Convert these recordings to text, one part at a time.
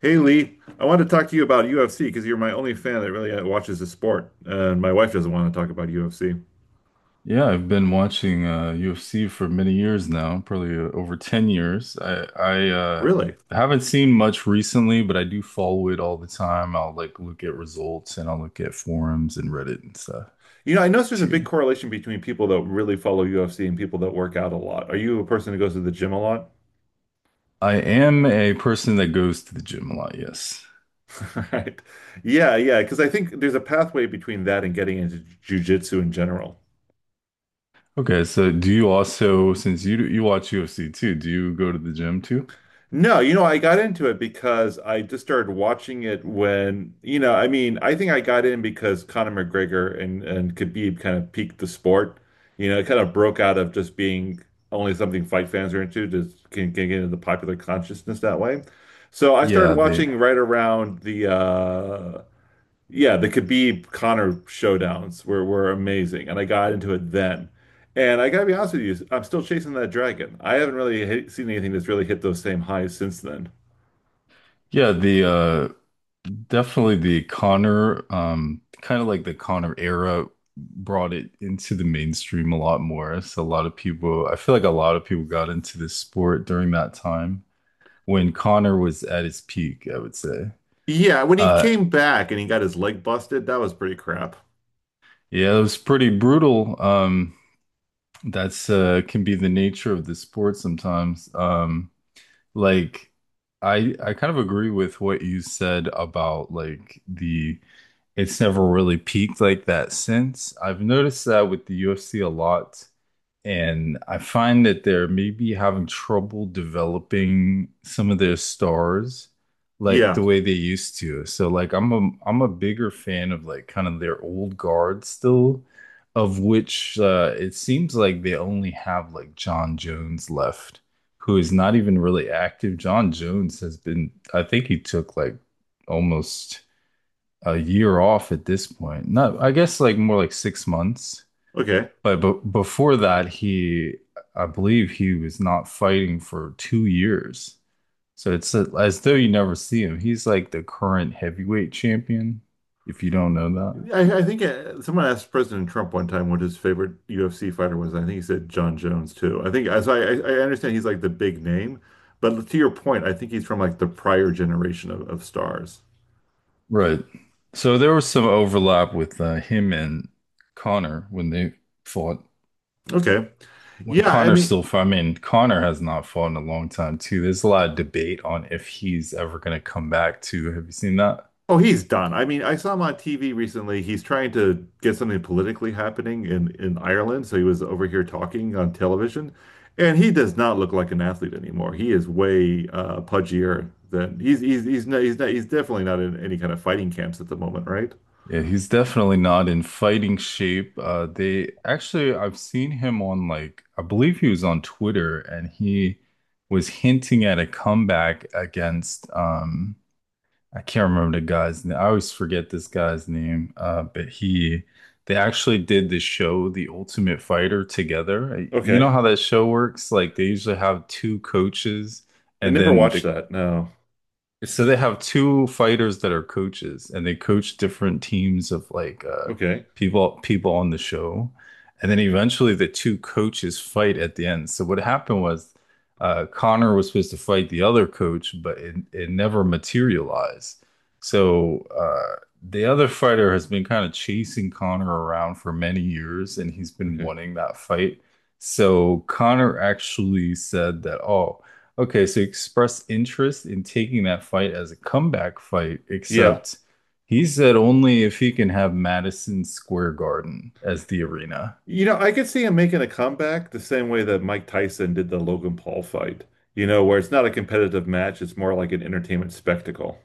Hey Lee, I want to talk to you about UFC because you're my only fan that really watches the sport, and my wife doesn't want to talk about UFC. Yeah, I've been watching UFC for many years now, probably over 10 years. I Really? Haven't seen much recently, but I do follow it all the time. I'll like look at results and I'll look at forums and Reddit and stuff You know, I notice there's a big too. correlation between people that really follow UFC and people that work out a lot. Are you a person who goes to the gym a lot? I am a person that goes to the gym a lot, yes. Right. Yeah, yeah, because I think there's a pathway between that and getting into jiu-jitsu in general. Okay, so do you also, since you watch UFC too, do you go to the gym too? No, you know, I got into it because I just started watching it when, I think I got in because Conor McGregor and Khabib kind of peaked the sport. You know, it kind of broke out of just being only something fight fans are into to can get into the popular consciousness that way. So I started Yeah, the watching right around the yeah, the Khabib Conor showdowns were amazing, and I got into it then. And I gotta be honest with you, I'm still chasing that dragon. I haven't really seen anything that's really hit those same highs since then. yeah, the Definitely the Connor, kind of like the Connor era brought it into the mainstream a lot more. So a lot of people, I feel like a lot of people got into this sport during that time when Connor was at his peak, I would say. Yeah, when he Uh, came back and he got his leg busted, that was pretty crap. yeah, it was pretty brutal. That's can be the nature of the sport sometimes. Like I kind of agree with what you said about like the it's never really peaked like that since. I've noticed that with the UFC a lot, and I find that they're maybe having trouble developing some of their stars like Yeah, the way they used to. So like I'm a bigger fan of like kind of their old guard still, of which it seems like they only have like John Jones left, who is not even really active. John Jones has been, I think he took like almost a year off at this point. Not, I guess like more like 6 months. okay. But before that, I believe he was not fighting for 2 years. So it's as though you never see him. He's like the current heavyweight champion, if you don't know that. I think someone asked President Trump one time what his favorite UFC fighter was, and I think he said John Jones too. I think as I understand he's like the big name, but to your point, I think he's from like the prior generation of stars. Right. So there was some overlap with him and Connor when they fought. Okay. When Yeah, I Connor mean, still fought, I mean, Connor has not fought in a long time too. There's a lot of debate on if he's ever going to come back too. Have you seen that? oh, he's done. I mean, I saw him on TV recently. He's trying to get something politically happening in Ireland, so he was over here talking on television, and he does not look like an athlete anymore. He is way pudgier than he's definitely not in any kind of fighting camps at the moment, right? Yeah, he's definitely not in fighting shape. I've seen him on like, I believe he was on Twitter and he was hinting at a comeback against, I can't remember the guy's name. I always forget this guy's name. They actually did the show, The Ultimate Fighter, together. You know Okay. how that show works? Like, they usually have two coaches I and never then watched the that. No. so they have two fighters that are coaches, and they coach different teams of like Okay. people on the show, and then eventually the two coaches fight at the end. So what happened was Connor was supposed to fight the other coach, but it never materialized. So the other fighter has been kind of chasing Connor around for many years, and he's been Okay. wanting that fight. So Connor actually said that, oh. Okay, so he expressed interest in taking that fight as a comeback fight, Yeah. except he said only if he can have Madison Square Garden as the arena. You know, I could see him making a comeback the same way that Mike Tyson did the Logan Paul fight, you know, where it's not a competitive match, it's more like an entertainment spectacle.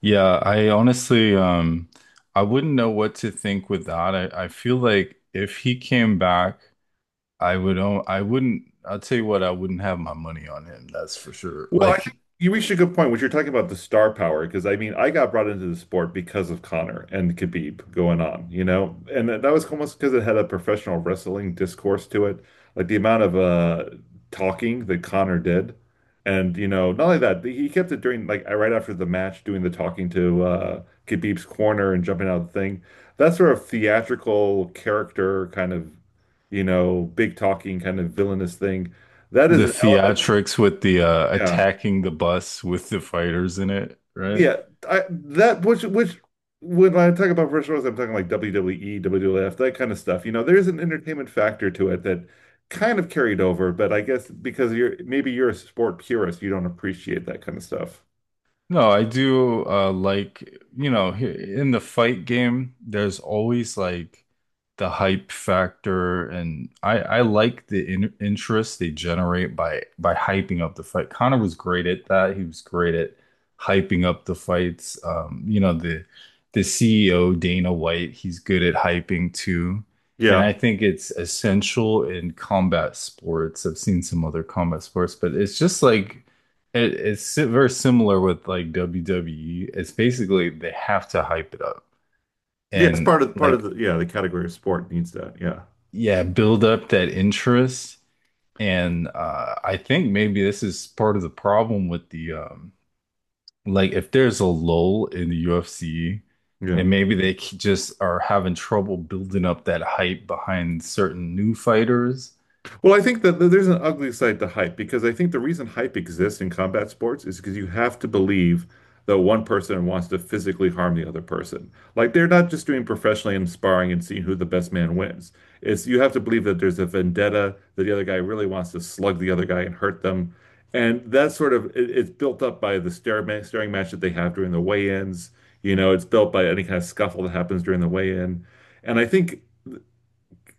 Yeah, I honestly, I wouldn't know what to think with that. I feel like if he came back, I would, o- I wouldn't, I'll tell you what, I wouldn't have my money on him, that's for sure. Well, I Like think you reached a good point when you're talking about the star power, because I mean, I got brought into the sport because of Connor and Khabib going on, you know, and that that was almost because it had a professional wrestling discourse to it, like the amount of talking that Connor did, and you know, not only that, he kept it during like right after the match, doing the talking to Khabib's corner and jumping out of the thing, that sort of theatrical character kind of, you know, big talking kind of villainous thing. That is the an element, theatrics with the yeah. attacking the bus with the fighters in it, right? Yeah, I that which when I talk about virtual wrestling, I'm talking like WWE, WWF, that kind of stuff. You know, there's an entertainment factor to it that kind of carried over, but I guess because you're maybe you're a sport purist, you don't appreciate that kind of stuff. No, I do like you know he- in the fight game there's always like the hype factor and I like the in interest they generate by hyping up the fight. Connor was great at that. He was great at hyping up the fights. You know the CEO Dana White, he's good at hyping too. And Yeah. I think it's essential in combat sports. I've seen some other combat sports, but it's just like very similar with like WWE. It's basically they have to hype it up Yeah, it's and part of like the yeah, the category of sport needs that. Yeah. yeah, build up that interest. And I think maybe this is part of the problem with the if there's a lull in the UFC, Yeah. and maybe they just are having trouble building up that hype behind certain new fighters. Well, I think that there's an ugly side to hype because I think the reason hype exists in combat sports is because you have to believe that one person wants to physically harm the other person. Like they're not just doing professionally and sparring and seeing who the best man wins. It's you have to believe that there's a vendetta, that the other guy really wants to slug the other guy and hurt them. And that's sort of it's built up by the staring match that they have during the weigh-ins. You know, it's built by any kind of scuffle that happens during the weigh-in. And I think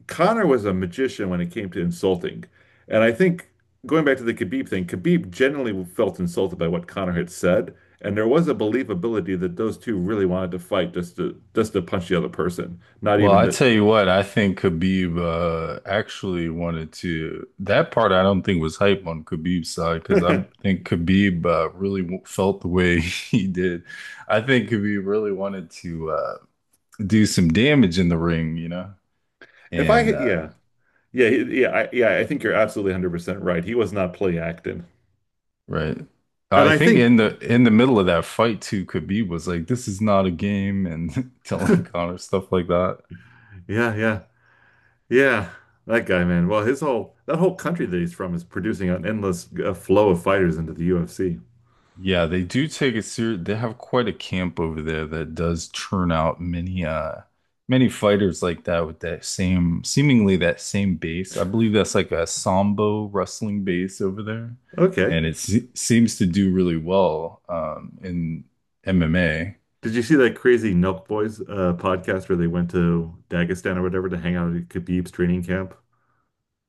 Connor was a magician when it came to insulting. And I think going back to the Khabib thing, Khabib generally felt insulted by what Connor had said. And there was a believability that those two really wanted to fight just to punch the other person, not Well, even I to. tell you what, I think Khabib actually wanted to. That part I don't think was hype on Khabib's side because I think Khabib really w felt the way he did. I think Khabib really wanted to do some damage in the ring, you know, If I and hit, yeah, yeah, yeah, I think you're absolutely 100% right. He was not play acting. right. And I I think think, in the middle of that fight too, Khabib was like, "This is not a game," and telling Connor stuff like that. yeah, yeah, yeah, that guy, man. Well, his whole that whole country that he's from is producing an endless flow of fighters into the UFC. Yeah, they do take it serious. They have quite a camp over there that does churn out many many fighters like that with that same seemingly that same base. I believe that's like a Sambo wrestling base over there, Okay. and it se seems to do really well in MMA. Did you see that crazy Nelk Boys podcast where they went to Dagestan or whatever to hang out at Khabib's training camp?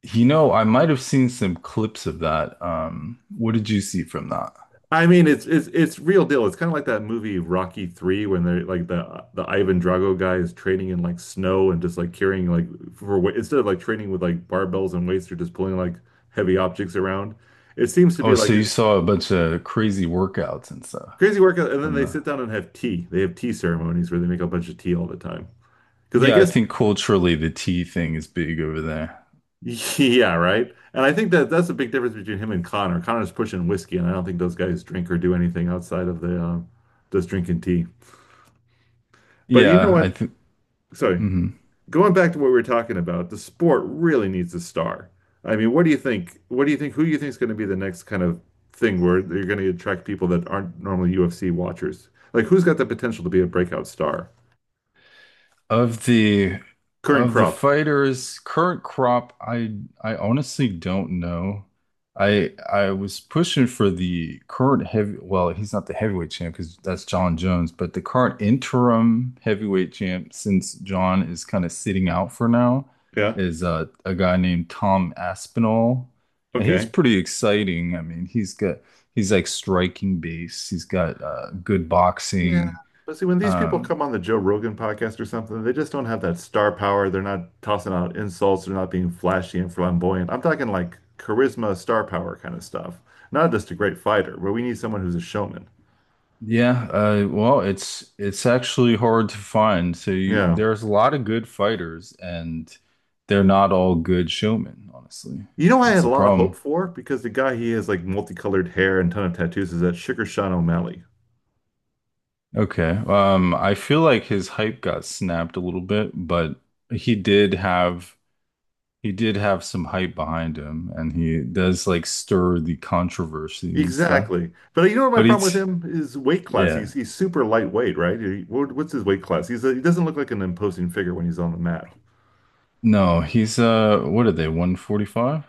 You know, I might have seen some clips of that. What did you see from that? I mean, it's real deal. It's kind of like that movie Rocky 3 when they're like the Ivan Drago guy is training in like snow and just like carrying like instead of like training with like barbells and weights, they're just pulling like heavy objects around. It seems to be Oh, like so you a saw a bunch of crazy workouts and stuff crazy workout, and then from they the sit down and have tea. They have tea ceremonies where they make a bunch of tea all the time. Because I yeah, I guess think culturally the tea thing is big over there. yeah, right. And I think that that's the big difference between him and Connor. Connor's pushing whiskey, and I don't think those guys drink or do anything outside of the just drinking tea. But you know Yeah, I what? think Sorry, mhm. going back to what we were talking about, the sport really needs a star. I mean, what do you think? What do you think? Who do you think is going to be the next kind of thing where you're going to attract people that aren't normally UFC watchers? Like, who's got the potential to be a breakout star? of the Current of the crop. fighters current crop, I honestly don't know. I was pushing for the current heavy. Well, he's not the heavyweight champ because that's John Jones, but the current interim heavyweight champ, since John is kind of sitting out for now, Yeah. is a guy named Tom Aspinall, and he's Okay. pretty exciting. I mean, he's like striking base. He's got good Yeah. boxing. But see, when these people Um, come on the Joe Rogan podcast or something, they just don't have that star power. They're not tossing out insults. They're not being flashy and flamboyant. I'm talking like charisma, star power kind of stuff. Not just a great fighter, but we need someone who's a showman. Yeah, well, it's actually hard to find. So Yeah. there's a lot of good fighters, and they're not all good showmen, honestly. You know, I That's had a the lot of hope problem. for because the guy he has like multicolored hair and ton of tattoos is that Sugar Sean O'Malley. Okay, I feel like his hype got snapped a little bit, but he did have he did have some hype behind him, and he does like stir the controversy and stuff. Exactly. But you know what my But problem with he's him is weight class. yeah, He's super lightweight, right? What's his weight class? He doesn't look like an imposing figure when he's on the mat. no, he's what are they, 145?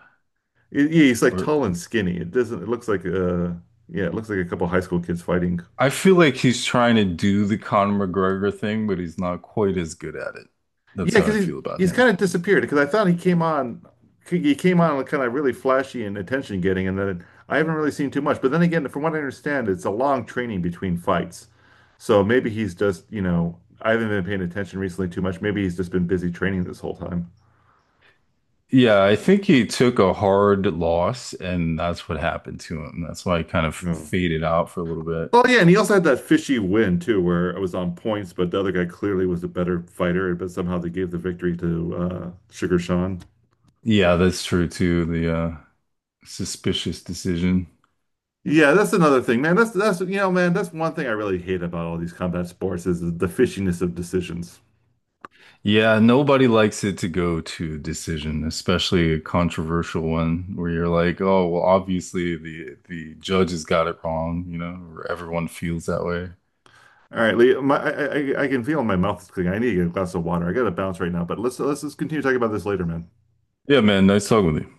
It- yeah, he's like Or tall and skinny. It doesn't. It looks like yeah, it looks like a couple high school kids fighting. I feel like he's trying to do the Conor McGregor thing, but he's not quite as good at it. That's Yeah, how because I feel about he's kind him. of disappeared. Because I thought he came on kind of really flashy and attention getting, and then I haven't really seen too much. But then again, from what I understand, it's a long training between fights, so maybe he's just you know I haven't been paying attention recently too much. Maybe he's just been busy training this whole time. Yeah, I think he took a hard loss, and that's what happened to him. That's why he kind of Yeah. faded out for a little bit. Well, yeah, and he also had that fishy win too, where it was on points, but the other guy clearly was a better fighter, but somehow they gave the victory to Sugar Sean. Yeah, that's true too. The suspicious decision. Yeah, that's another thing, man. That's one thing I really hate about all these combat sports is the fishiness of decisions. Yeah, nobody likes it to go to decision, especially a controversial one where you're like, oh, well, obviously the judges got it wrong, you know, or everyone feels that way. All right, Lee, my, I can feel my mouth is clicking. I need to get a glass of water. I got to bounce right now, but let's just continue talking about this later, man. Yeah, man, nice talking with you.